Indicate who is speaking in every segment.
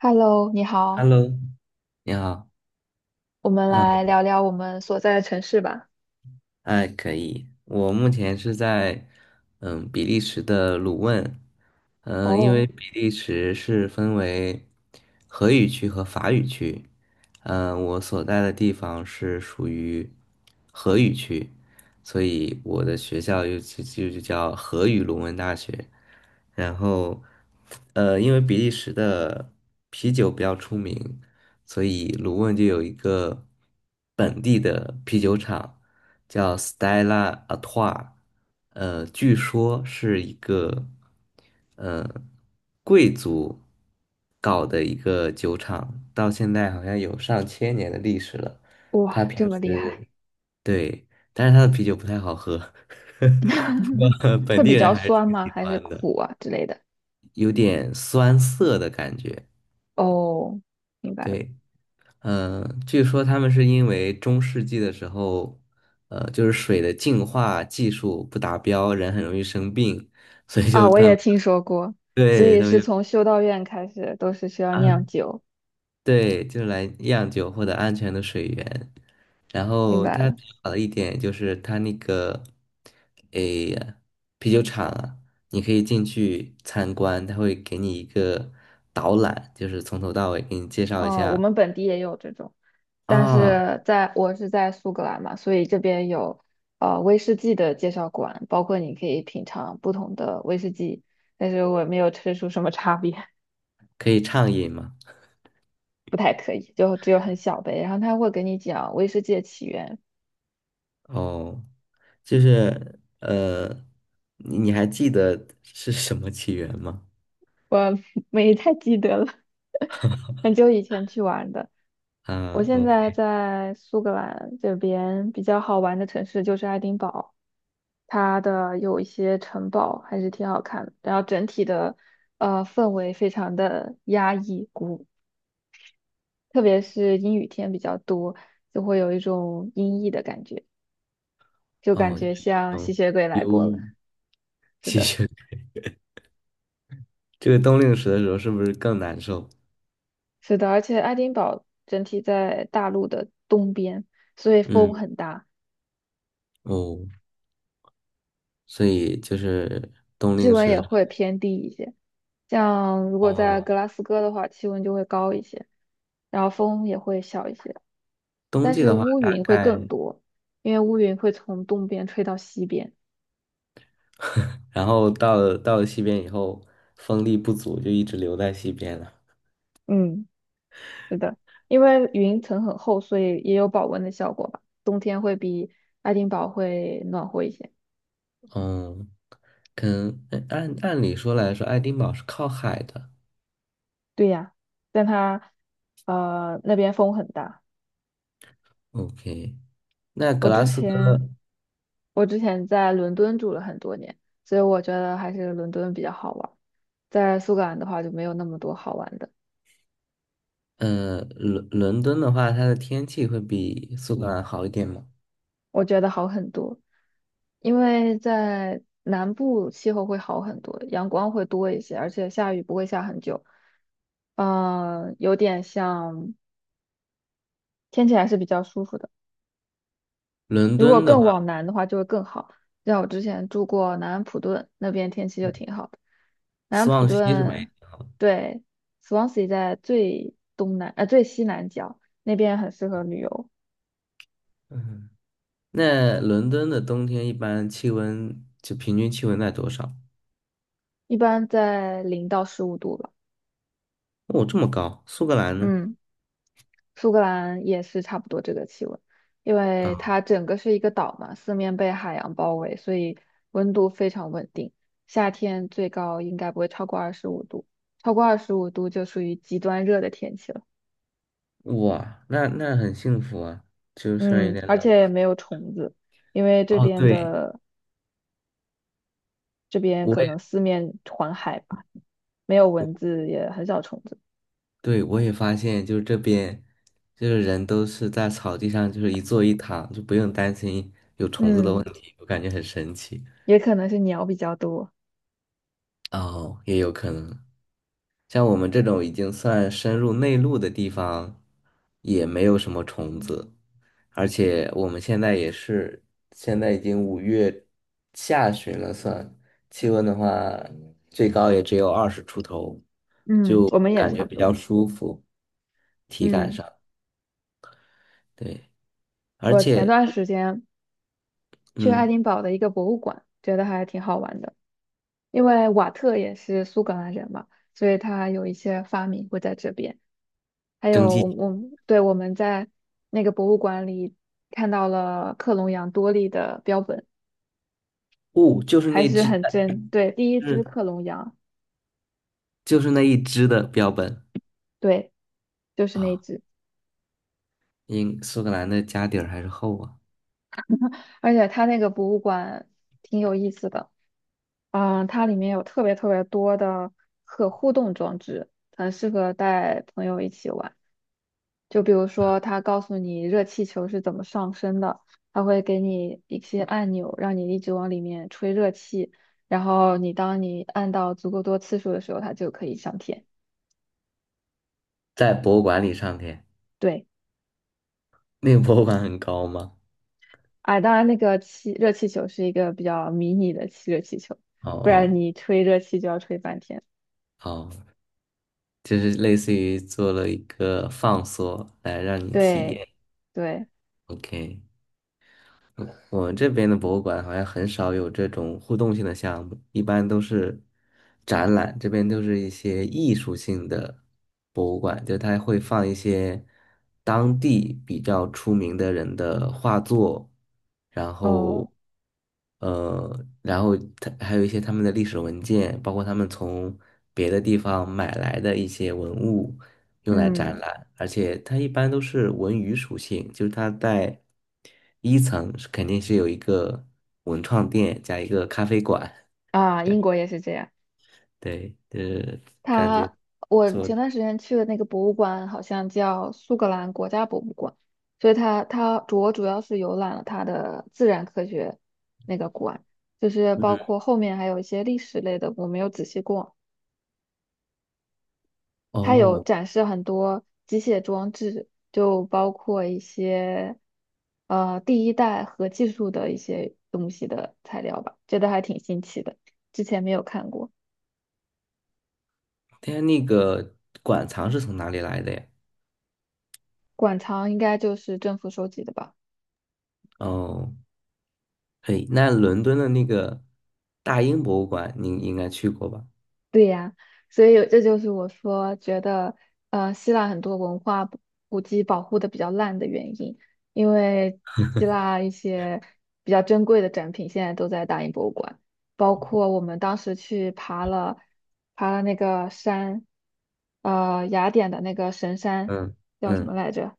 Speaker 1: Hello，你好，
Speaker 2: Hello，你好，
Speaker 1: 我们来
Speaker 2: 嗯，
Speaker 1: 聊聊我们所在的城市吧。
Speaker 2: 哎，可以。我目前是在比利时的鲁汶，因
Speaker 1: 哦，
Speaker 2: 为比利时是分为荷语区和法语区，我所在的地方是属于荷语区，所以我的学校又就叫荷语鲁汶大学。然后，因为比利时的啤酒比较出名，所以鲁汶就有一个本地的啤酒厂。叫 Stella ATOI， 据说是一个呃贵族搞的一个酒厂，到现在好像有上千年的历史了。
Speaker 1: 哇，
Speaker 2: 他平
Speaker 1: 这么厉害，
Speaker 2: 时。对，但是他的啤酒不太好喝，不过
Speaker 1: 会
Speaker 2: 本地
Speaker 1: 比
Speaker 2: 人
Speaker 1: 较
Speaker 2: 还是
Speaker 1: 酸
Speaker 2: 挺
Speaker 1: 吗？
Speaker 2: 喜
Speaker 1: 还是
Speaker 2: 欢的，
Speaker 1: 苦啊之类的？
Speaker 2: 有点酸涩的感觉。
Speaker 1: 哦，明白了。
Speaker 2: 对。据说他们是因为中世纪的时候，就是水的净化技术不达标，人很容易生病，所以
Speaker 1: 啊，
Speaker 2: 就
Speaker 1: 我
Speaker 2: 他
Speaker 1: 也
Speaker 2: 们，
Speaker 1: 听说过，所
Speaker 2: 对，
Speaker 1: 以
Speaker 2: 他们
Speaker 1: 是
Speaker 2: 就，
Speaker 1: 从修道院开始都是需要
Speaker 2: 啊，
Speaker 1: 酿酒，
Speaker 2: 对，就来酿酒获得安全的水源。然
Speaker 1: 明
Speaker 2: 后
Speaker 1: 白
Speaker 2: 他
Speaker 1: 了。
Speaker 2: 好的一点就是他那个，诶，啤酒厂啊，你可以进去参观，他会给你一个导览，就是从头到尾给你介绍一
Speaker 1: 嗯，我
Speaker 2: 下。
Speaker 1: 们本地也有这种，但
Speaker 2: 啊，
Speaker 1: 是在我是在苏格兰嘛，所以这边有威士忌的介绍馆，包括你可以品尝不同的威士忌，但是我没有吃出什么差别。
Speaker 2: 可以畅饮嘛。
Speaker 1: 不太可以，就只有很小杯。然后他会给你讲威士忌的起源，
Speaker 2: 哦，就是你还记得是什么起源吗？
Speaker 1: 我 没太记得了，很久以前去玩的。我
Speaker 2: 啊
Speaker 1: 现在
Speaker 2: ，OK。
Speaker 1: 在苏格兰这边比较好玩的城市就是爱丁堡，它的有一些城堡还是挺好看的，然后整体的氛围非常的压抑鼓，特别是阴雨天比较多，就会有一种阴翳的感觉，就感
Speaker 2: 哦，就
Speaker 1: 觉
Speaker 2: 是一
Speaker 1: 像吸
Speaker 2: 种
Speaker 1: 血鬼来
Speaker 2: 忧
Speaker 1: 过了。
Speaker 2: 郁、
Speaker 1: 是
Speaker 2: 吸
Speaker 1: 的。
Speaker 2: 血。这个冬令时的时候是不是更难受？
Speaker 1: 是的，而且爱丁堡整体在大陆的东边，所以风
Speaker 2: 嗯，
Speaker 1: 很大，
Speaker 2: 哦，所以就是冬
Speaker 1: 气
Speaker 2: 令
Speaker 1: 温
Speaker 2: 时
Speaker 1: 也
Speaker 2: 的时候。
Speaker 1: 会偏低一些。像如果在
Speaker 2: 哦，
Speaker 1: 格拉斯哥的话，气温就会高一些，然后风也会小一些，
Speaker 2: 冬
Speaker 1: 但
Speaker 2: 季
Speaker 1: 是
Speaker 2: 的话
Speaker 1: 乌
Speaker 2: 大
Speaker 1: 云会
Speaker 2: 概。
Speaker 1: 更多，因为乌云会从东边吹到西边。
Speaker 2: 然后到了西边以后，风力不足，就一直留在西边了。
Speaker 1: 嗯，是的，因为云层很厚，所以也有保温的效果吧。冬天会比爱丁堡会暖和一些。
Speaker 2: 嗯，可能哎按理说来说，爱丁堡是靠海的。
Speaker 1: 对呀，但它那边风很大。
Speaker 2: OK。那格
Speaker 1: 我
Speaker 2: 拉
Speaker 1: 之
Speaker 2: 斯哥，
Speaker 1: 前我之前在伦敦住了很多年，所以我觉得还是伦敦比较好玩。在苏格兰的话就没有那么多好玩的，
Speaker 2: 伦敦的话，它的天气会比苏格兰好一点吗？
Speaker 1: 我觉得好很多，因为在南部气候会好很多，阳光会多一些，而且下雨不会下很久。嗯、有点像天气还是比较舒服的。
Speaker 2: 伦
Speaker 1: 如果
Speaker 2: 敦的
Speaker 1: 更
Speaker 2: 话，
Speaker 1: 往南的话，就会更好。像我之前住过南安普顿，那边天气就挺好的。南安
Speaker 2: 斯
Speaker 1: 普
Speaker 2: 旺西是北，
Speaker 1: 顿，对，Swansea 在最西南角，那边很适合旅游，
Speaker 2: 嗯，那伦敦的冬天一般气温就平均气温在多少？
Speaker 1: 一般在0到15度吧。
Speaker 2: 哦，这么高，苏格兰呢？
Speaker 1: 嗯，苏格兰也是差不多这个气温，因为
Speaker 2: 啊，
Speaker 1: 它整个是一个岛嘛，四面被海洋包围，所以温度非常稳定。夏天最高应该不会超过二十五度，超过二十五度就属于极端热的天气了。
Speaker 2: 哇，那很幸福啊，就虽然有
Speaker 1: 嗯，
Speaker 2: 点
Speaker 1: 而
Speaker 2: 冷。
Speaker 1: 且也没有虫子，因为
Speaker 2: 哦，对，
Speaker 1: 这边
Speaker 2: 我
Speaker 1: 可
Speaker 2: 也，
Speaker 1: 能四面环海吧，没有蚊子，也很少虫子。
Speaker 2: 对，我也发现，就是这边就是人都是在草地上，就是一坐一躺，就不用担心，
Speaker 1: 嗯，
Speaker 2: 我感觉很神奇。
Speaker 1: 也可能是鸟比较多。
Speaker 2: 哦，也有可能。像我们这种已经算深入内陆的地方，也没有什么虫子，而且我们现在也是，现在已经五月下旬了算，气温的话，最高也只有二十出头，
Speaker 1: 嗯，
Speaker 2: 就
Speaker 1: 我们也
Speaker 2: 感
Speaker 1: 差
Speaker 2: 觉
Speaker 1: 不
Speaker 2: 比
Speaker 1: 多。
Speaker 2: 较舒服，体感
Speaker 1: 嗯，
Speaker 2: 上，对，而
Speaker 1: 我前
Speaker 2: 且，
Speaker 1: 段时间去爱
Speaker 2: 嗯，
Speaker 1: 丁堡的一个博物馆，觉得还挺好玩的，因为瓦特也是苏格兰人嘛，所以他有一些发明会在这边。还
Speaker 2: 蒸
Speaker 1: 有我
Speaker 2: 汽。
Speaker 1: 我们对我们在那个博物馆里看到了克隆羊多利的标本。
Speaker 2: 雾就是
Speaker 1: 还
Speaker 2: 那
Speaker 1: 是
Speaker 2: 只，
Speaker 1: 很真。对，第一
Speaker 2: 就
Speaker 1: 只
Speaker 2: 是
Speaker 1: 克隆羊，
Speaker 2: 就是那一只的标本。
Speaker 1: 对，就是那
Speaker 2: 啊，
Speaker 1: 只。
Speaker 2: 因苏格兰的家底儿还是厚啊，
Speaker 1: 而且它那个博物馆挺有意思的，嗯，它里面有特别特别多的可互动装置，很适合带朋友一起玩。就比如说，它告诉你热气球是怎么上升的，它会给你一些按钮，让你一直往里面吹热气，然后你当你按到足够多次数的时候，它就可以上天。
Speaker 2: 在博物馆里上天。
Speaker 1: 对。
Speaker 2: 那个博物馆很高吗？
Speaker 1: 哎，当然，那个气热气球是一个比较迷你的气热气球，
Speaker 2: 哦
Speaker 1: 不然
Speaker 2: 哦
Speaker 1: 你吹热气就要吹半天。
Speaker 2: 哦，就是类似于做了一个放缩来让你体
Speaker 1: 对
Speaker 2: 验。
Speaker 1: 对，
Speaker 2: OK，我们这边的博物馆好像很少有这种互动性的项目，一般都是展览，这边都是一些艺术性的博物馆，就它会放一些当地比较出名的人的画作，然
Speaker 1: 哦，
Speaker 2: 后然后它还有一些他们的历史文件，包括他们从别的地方买来的一些文物，用来展
Speaker 1: 嗯
Speaker 2: 览，而且它一般都是文娱属性，就是它在一层是肯定是有一个文创店加一个咖啡馆，
Speaker 1: 啊，英国也是这样。
Speaker 2: 对，就是感觉
Speaker 1: 它，我
Speaker 2: 做的。
Speaker 1: 前段时间去的那个博物馆好像叫苏格兰国家博物馆，所以它它主我主要是游览了它的自然科学那个馆，就是包
Speaker 2: 嗯。
Speaker 1: 括后面还有一些历史类的，我没有仔细逛。它有
Speaker 2: 哦，
Speaker 1: 展示很多机械装置，就包括一些第一代核技术的一些东西的材料吧，觉得还挺新奇的，之前没有看过。
Speaker 2: 它那个馆藏是从哪里来的呀？
Speaker 1: 馆藏应该就是政府收集的吧。
Speaker 2: 哦，嘿，那伦敦的那个大英博物馆，你应该去过吧？
Speaker 1: 对呀，所以这就是我说觉得，呃，希腊很多文化古迹保护的比较烂的原因，因为希腊一些比较珍贵的展品现在都在大英博物馆，包括我们当时去爬了那个山，呃，雅典的那个神山
Speaker 2: 嗯
Speaker 1: 叫什么
Speaker 2: 嗯，
Speaker 1: 来着？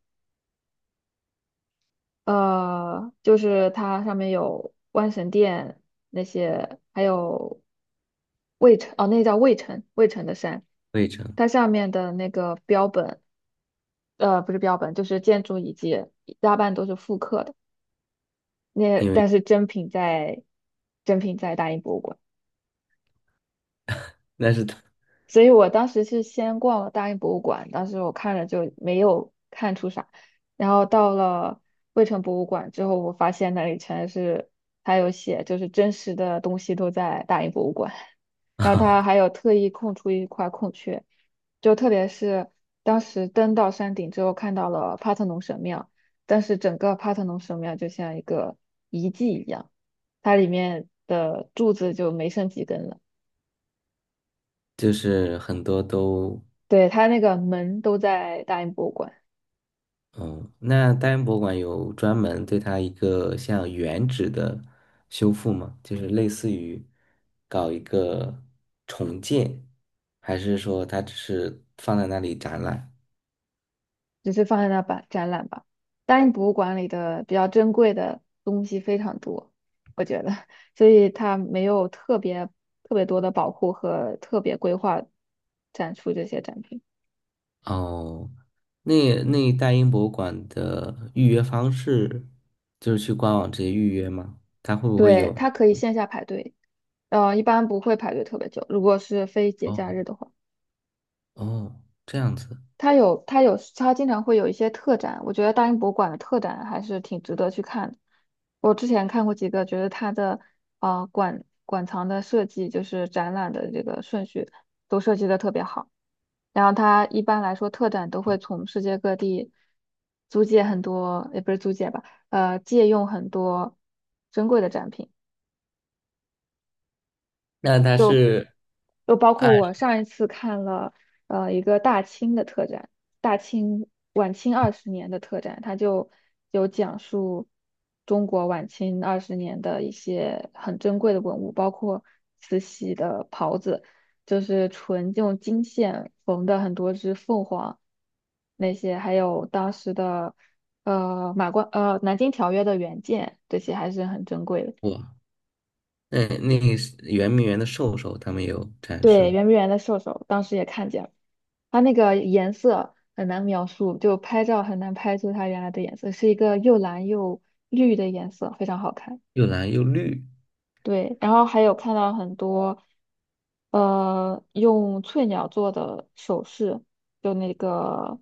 Speaker 1: 就是它上面有万神殿那些，还有魏城，哦，那叫魏城，魏城的山，
Speaker 2: 费城，
Speaker 1: 它上面的那个标本，不是标本，就是建筑遗迹，大半都是复刻的。那
Speaker 2: 因
Speaker 1: 但
Speaker 2: 为
Speaker 1: 是真品在大英博物馆。
Speaker 2: 那是它
Speaker 1: 所以我当时是先逛了大英博物馆，当时我看了就没有看出啥，然后到了卫城博物馆之后，我发现那里全是，还有写就是真实的东西都在大英博物馆，然后它
Speaker 2: 啊，
Speaker 1: 还有特意空出一块空缺，就特别是当时登到山顶之后看到了帕特农神庙，但是整个帕特农神庙就像一个遗迹一样，它里面的柱子就没剩几根了。
Speaker 2: 就是很多都。
Speaker 1: 对，它那个门都在大英博物馆，
Speaker 2: 哦，那大英博物馆有专门对它一个像原址的修复吗？就是类似于搞一个重建，还是说它只是放在那里展览？
Speaker 1: 只是放在那吧展览吧。大英博物馆里的比较珍贵的东西非常多，我觉得，所以它没有特别特别多的保护和特别规划展出这些展品。
Speaker 2: 哦，那大英博物馆的预约方式就是去官网直接预约吗？它会不会
Speaker 1: 对，
Speaker 2: 有？
Speaker 1: 它可以线下排队，呃，一般不会排队特别久，如果是非节假日
Speaker 2: 哦
Speaker 1: 的话。
Speaker 2: 哦，这样子。
Speaker 1: 它经常会有一些特展，我觉得大英博物馆的特展还是挺值得去看的。我之前看过几个，觉得它的馆藏的设计，就是展览的这个顺序都设计的特别好。然后它一般来说特展都会从世界各地租借很多，也不是租借吧，呃，借用很多珍贵的展品。
Speaker 2: 那它是
Speaker 1: 就包括
Speaker 2: 按
Speaker 1: 我上一次看了一个大清的特展，大清晚清二十年的特展，它就有讲述中国晚清二十年的一些很珍贵的文物，包括慈禧的袍子，就是纯用金线缝的很多只凤凰，那些还有当时的呃马关呃南京条约的原件，这些还是很珍贵的。
Speaker 2: 我，那个是圆明园的兽首，他们有展示
Speaker 1: 对，
Speaker 2: 吗？
Speaker 1: 圆明园的兽首，当时也看见了，它那个颜色很难描述，就拍照很难拍出它原来的颜色，是一个又蓝又绿的颜色，非常好看。
Speaker 2: 又蓝又绿。
Speaker 1: 对，然后还有看到很多，呃，用翠鸟做的首饰，就那个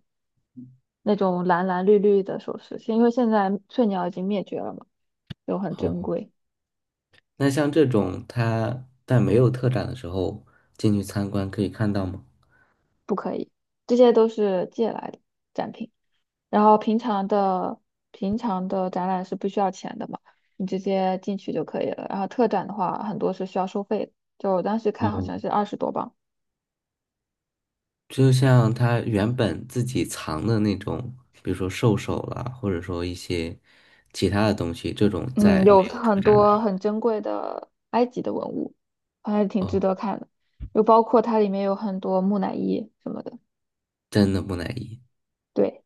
Speaker 1: 那种蓝蓝绿绿的首饰，因为现在翠鸟已经灭绝了嘛，就很珍
Speaker 2: 好，
Speaker 1: 贵。
Speaker 2: 那像这种他在没有特展的时候进去参观可以看到吗？
Speaker 1: 这些都是借来的展品。然后平常的展览是不需要钱的嘛，你直接进去就可以了。然后特展的话，很多是需要收费的，就我当时看好
Speaker 2: 哦，
Speaker 1: 像是20多磅。
Speaker 2: 就像他原本自己藏的那种，比如说兽首啦，或者说一些其他的东西，这种
Speaker 1: 嗯，
Speaker 2: 在
Speaker 1: 有
Speaker 2: 没有特
Speaker 1: 很
Speaker 2: 展的
Speaker 1: 多
Speaker 2: 时候，
Speaker 1: 很珍贵的埃及的文物，还是挺值
Speaker 2: 哦，
Speaker 1: 得看的。又包括它里面有很多木乃伊什么的。
Speaker 2: 真的木乃伊
Speaker 1: 对，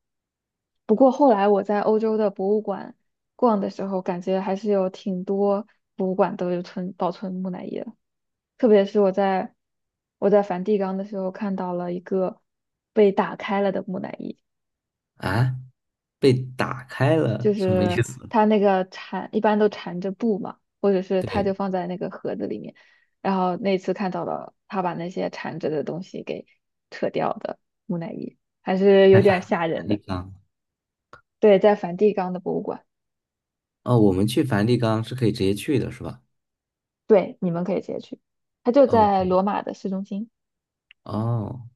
Speaker 1: 不过后来我在欧洲的博物馆逛的时候，感觉还是有挺多博物馆都有保存木乃伊的。特别是我在梵蒂冈的时候看到了一个被打开了的木乃伊，
Speaker 2: 啊，被打开了，
Speaker 1: 就
Speaker 2: 什么意
Speaker 1: 是
Speaker 2: 思？
Speaker 1: 它那个缠一般都缠着布嘛，或者是它就
Speaker 2: 对，
Speaker 1: 放在那个盒子里面，然后那次看到了他把那些缠着的东西给扯掉的木乃伊，还是有
Speaker 2: 在梵
Speaker 1: 点吓
Speaker 2: 梵
Speaker 1: 人
Speaker 2: 蒂
Speaker 1: 的。
Speaker 2: 冈。
Speaker 1: 对，在梵蒂冈的博物馆，
Speaker 2: 哦，我们去梵蒂冈是可以直接去的，是吧
Speaker 1: 对，你们可以直接去，它就在
Speaker 2: ？OK。
Speaker 1: 罗马的市中心。
Speaker 2: 哦，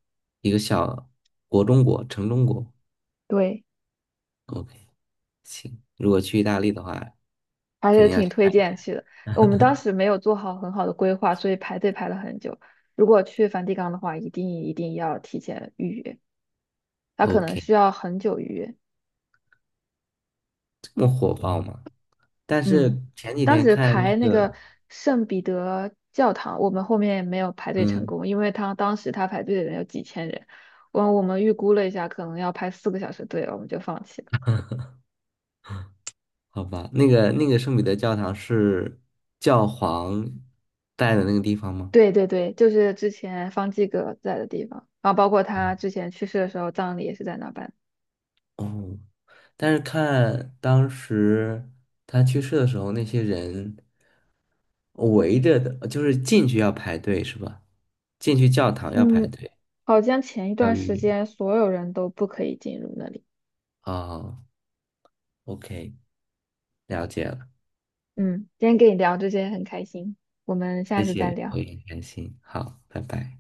Speaker 2: 一个小国中国，城中国。
Speaker 1: 对。
Speaker 2: OK。行，如果去意大利的话，
Speaker 1: 还
Speaker 2: 肯
Speaker 1: 是
Speaker 2: 定要
Speaker 1: 挺
Speaker 2: 去
Speaker 1: 推
Speaker 2: 看一
Speaker 1: 荐
Speaker 2: 下。
Speaker 1: 去的。我们当时没有做好很好的规划，所以排队排了很久。如果去梵蒂冈的话，一定一定要提前预约，它可能需
Speaker 2: OK，
Speaker 1: 要很久预约。
Speaker 2: 这么火爆吗？但
Speaker 1: 嗯，
Speaker 2: 是前几
Speaker 1: 当
Speaker 2: 天
Speaker 1: 时
Speaker 2: 看那
Speaker 1: 排那个
Speaker 2: 个，
Speaker 1: 圣彼得教堂，我们后面没有排队成
Speaker 2: 嗯，
Speaker 1: 功，因为他当时他排队的人有几千人，我们预估了一下，可能要排4个小时队了，我们就放弃了。
Speaker 2: 好吧，那个圣彼得教堂是教皇在的那个地方吗？
Speaker 1: 对对对，就是之前方济各在的地方，然后包括他之前去世的时候，葬礼也是在那办。
Speaker 2: 哦，但是看当时他去世的时候，那些人围着的，就是进去要排队是吧？进去教堂要排
Speaker 1: 嗯。
Speaker 2: 队，
Speaker 1: 好像前一
Speaker 2: 要
Speaker 1: 段
Speaker 2: 预
Speaker 1: 时
Speaker 2: 约。
Speaker 1: 间所有人都不可以进入那里。
Speaker 2: 哦，OK，了解了。
Speaker 1: 嗯，今天跟你聊这些很开心，我们下
Speaker 2: 谢
Speaker 1: 次再
Speaker 2: 谢，我
Speaker 1: 聊。
Speaker 2: 也很开心。好，拜拜。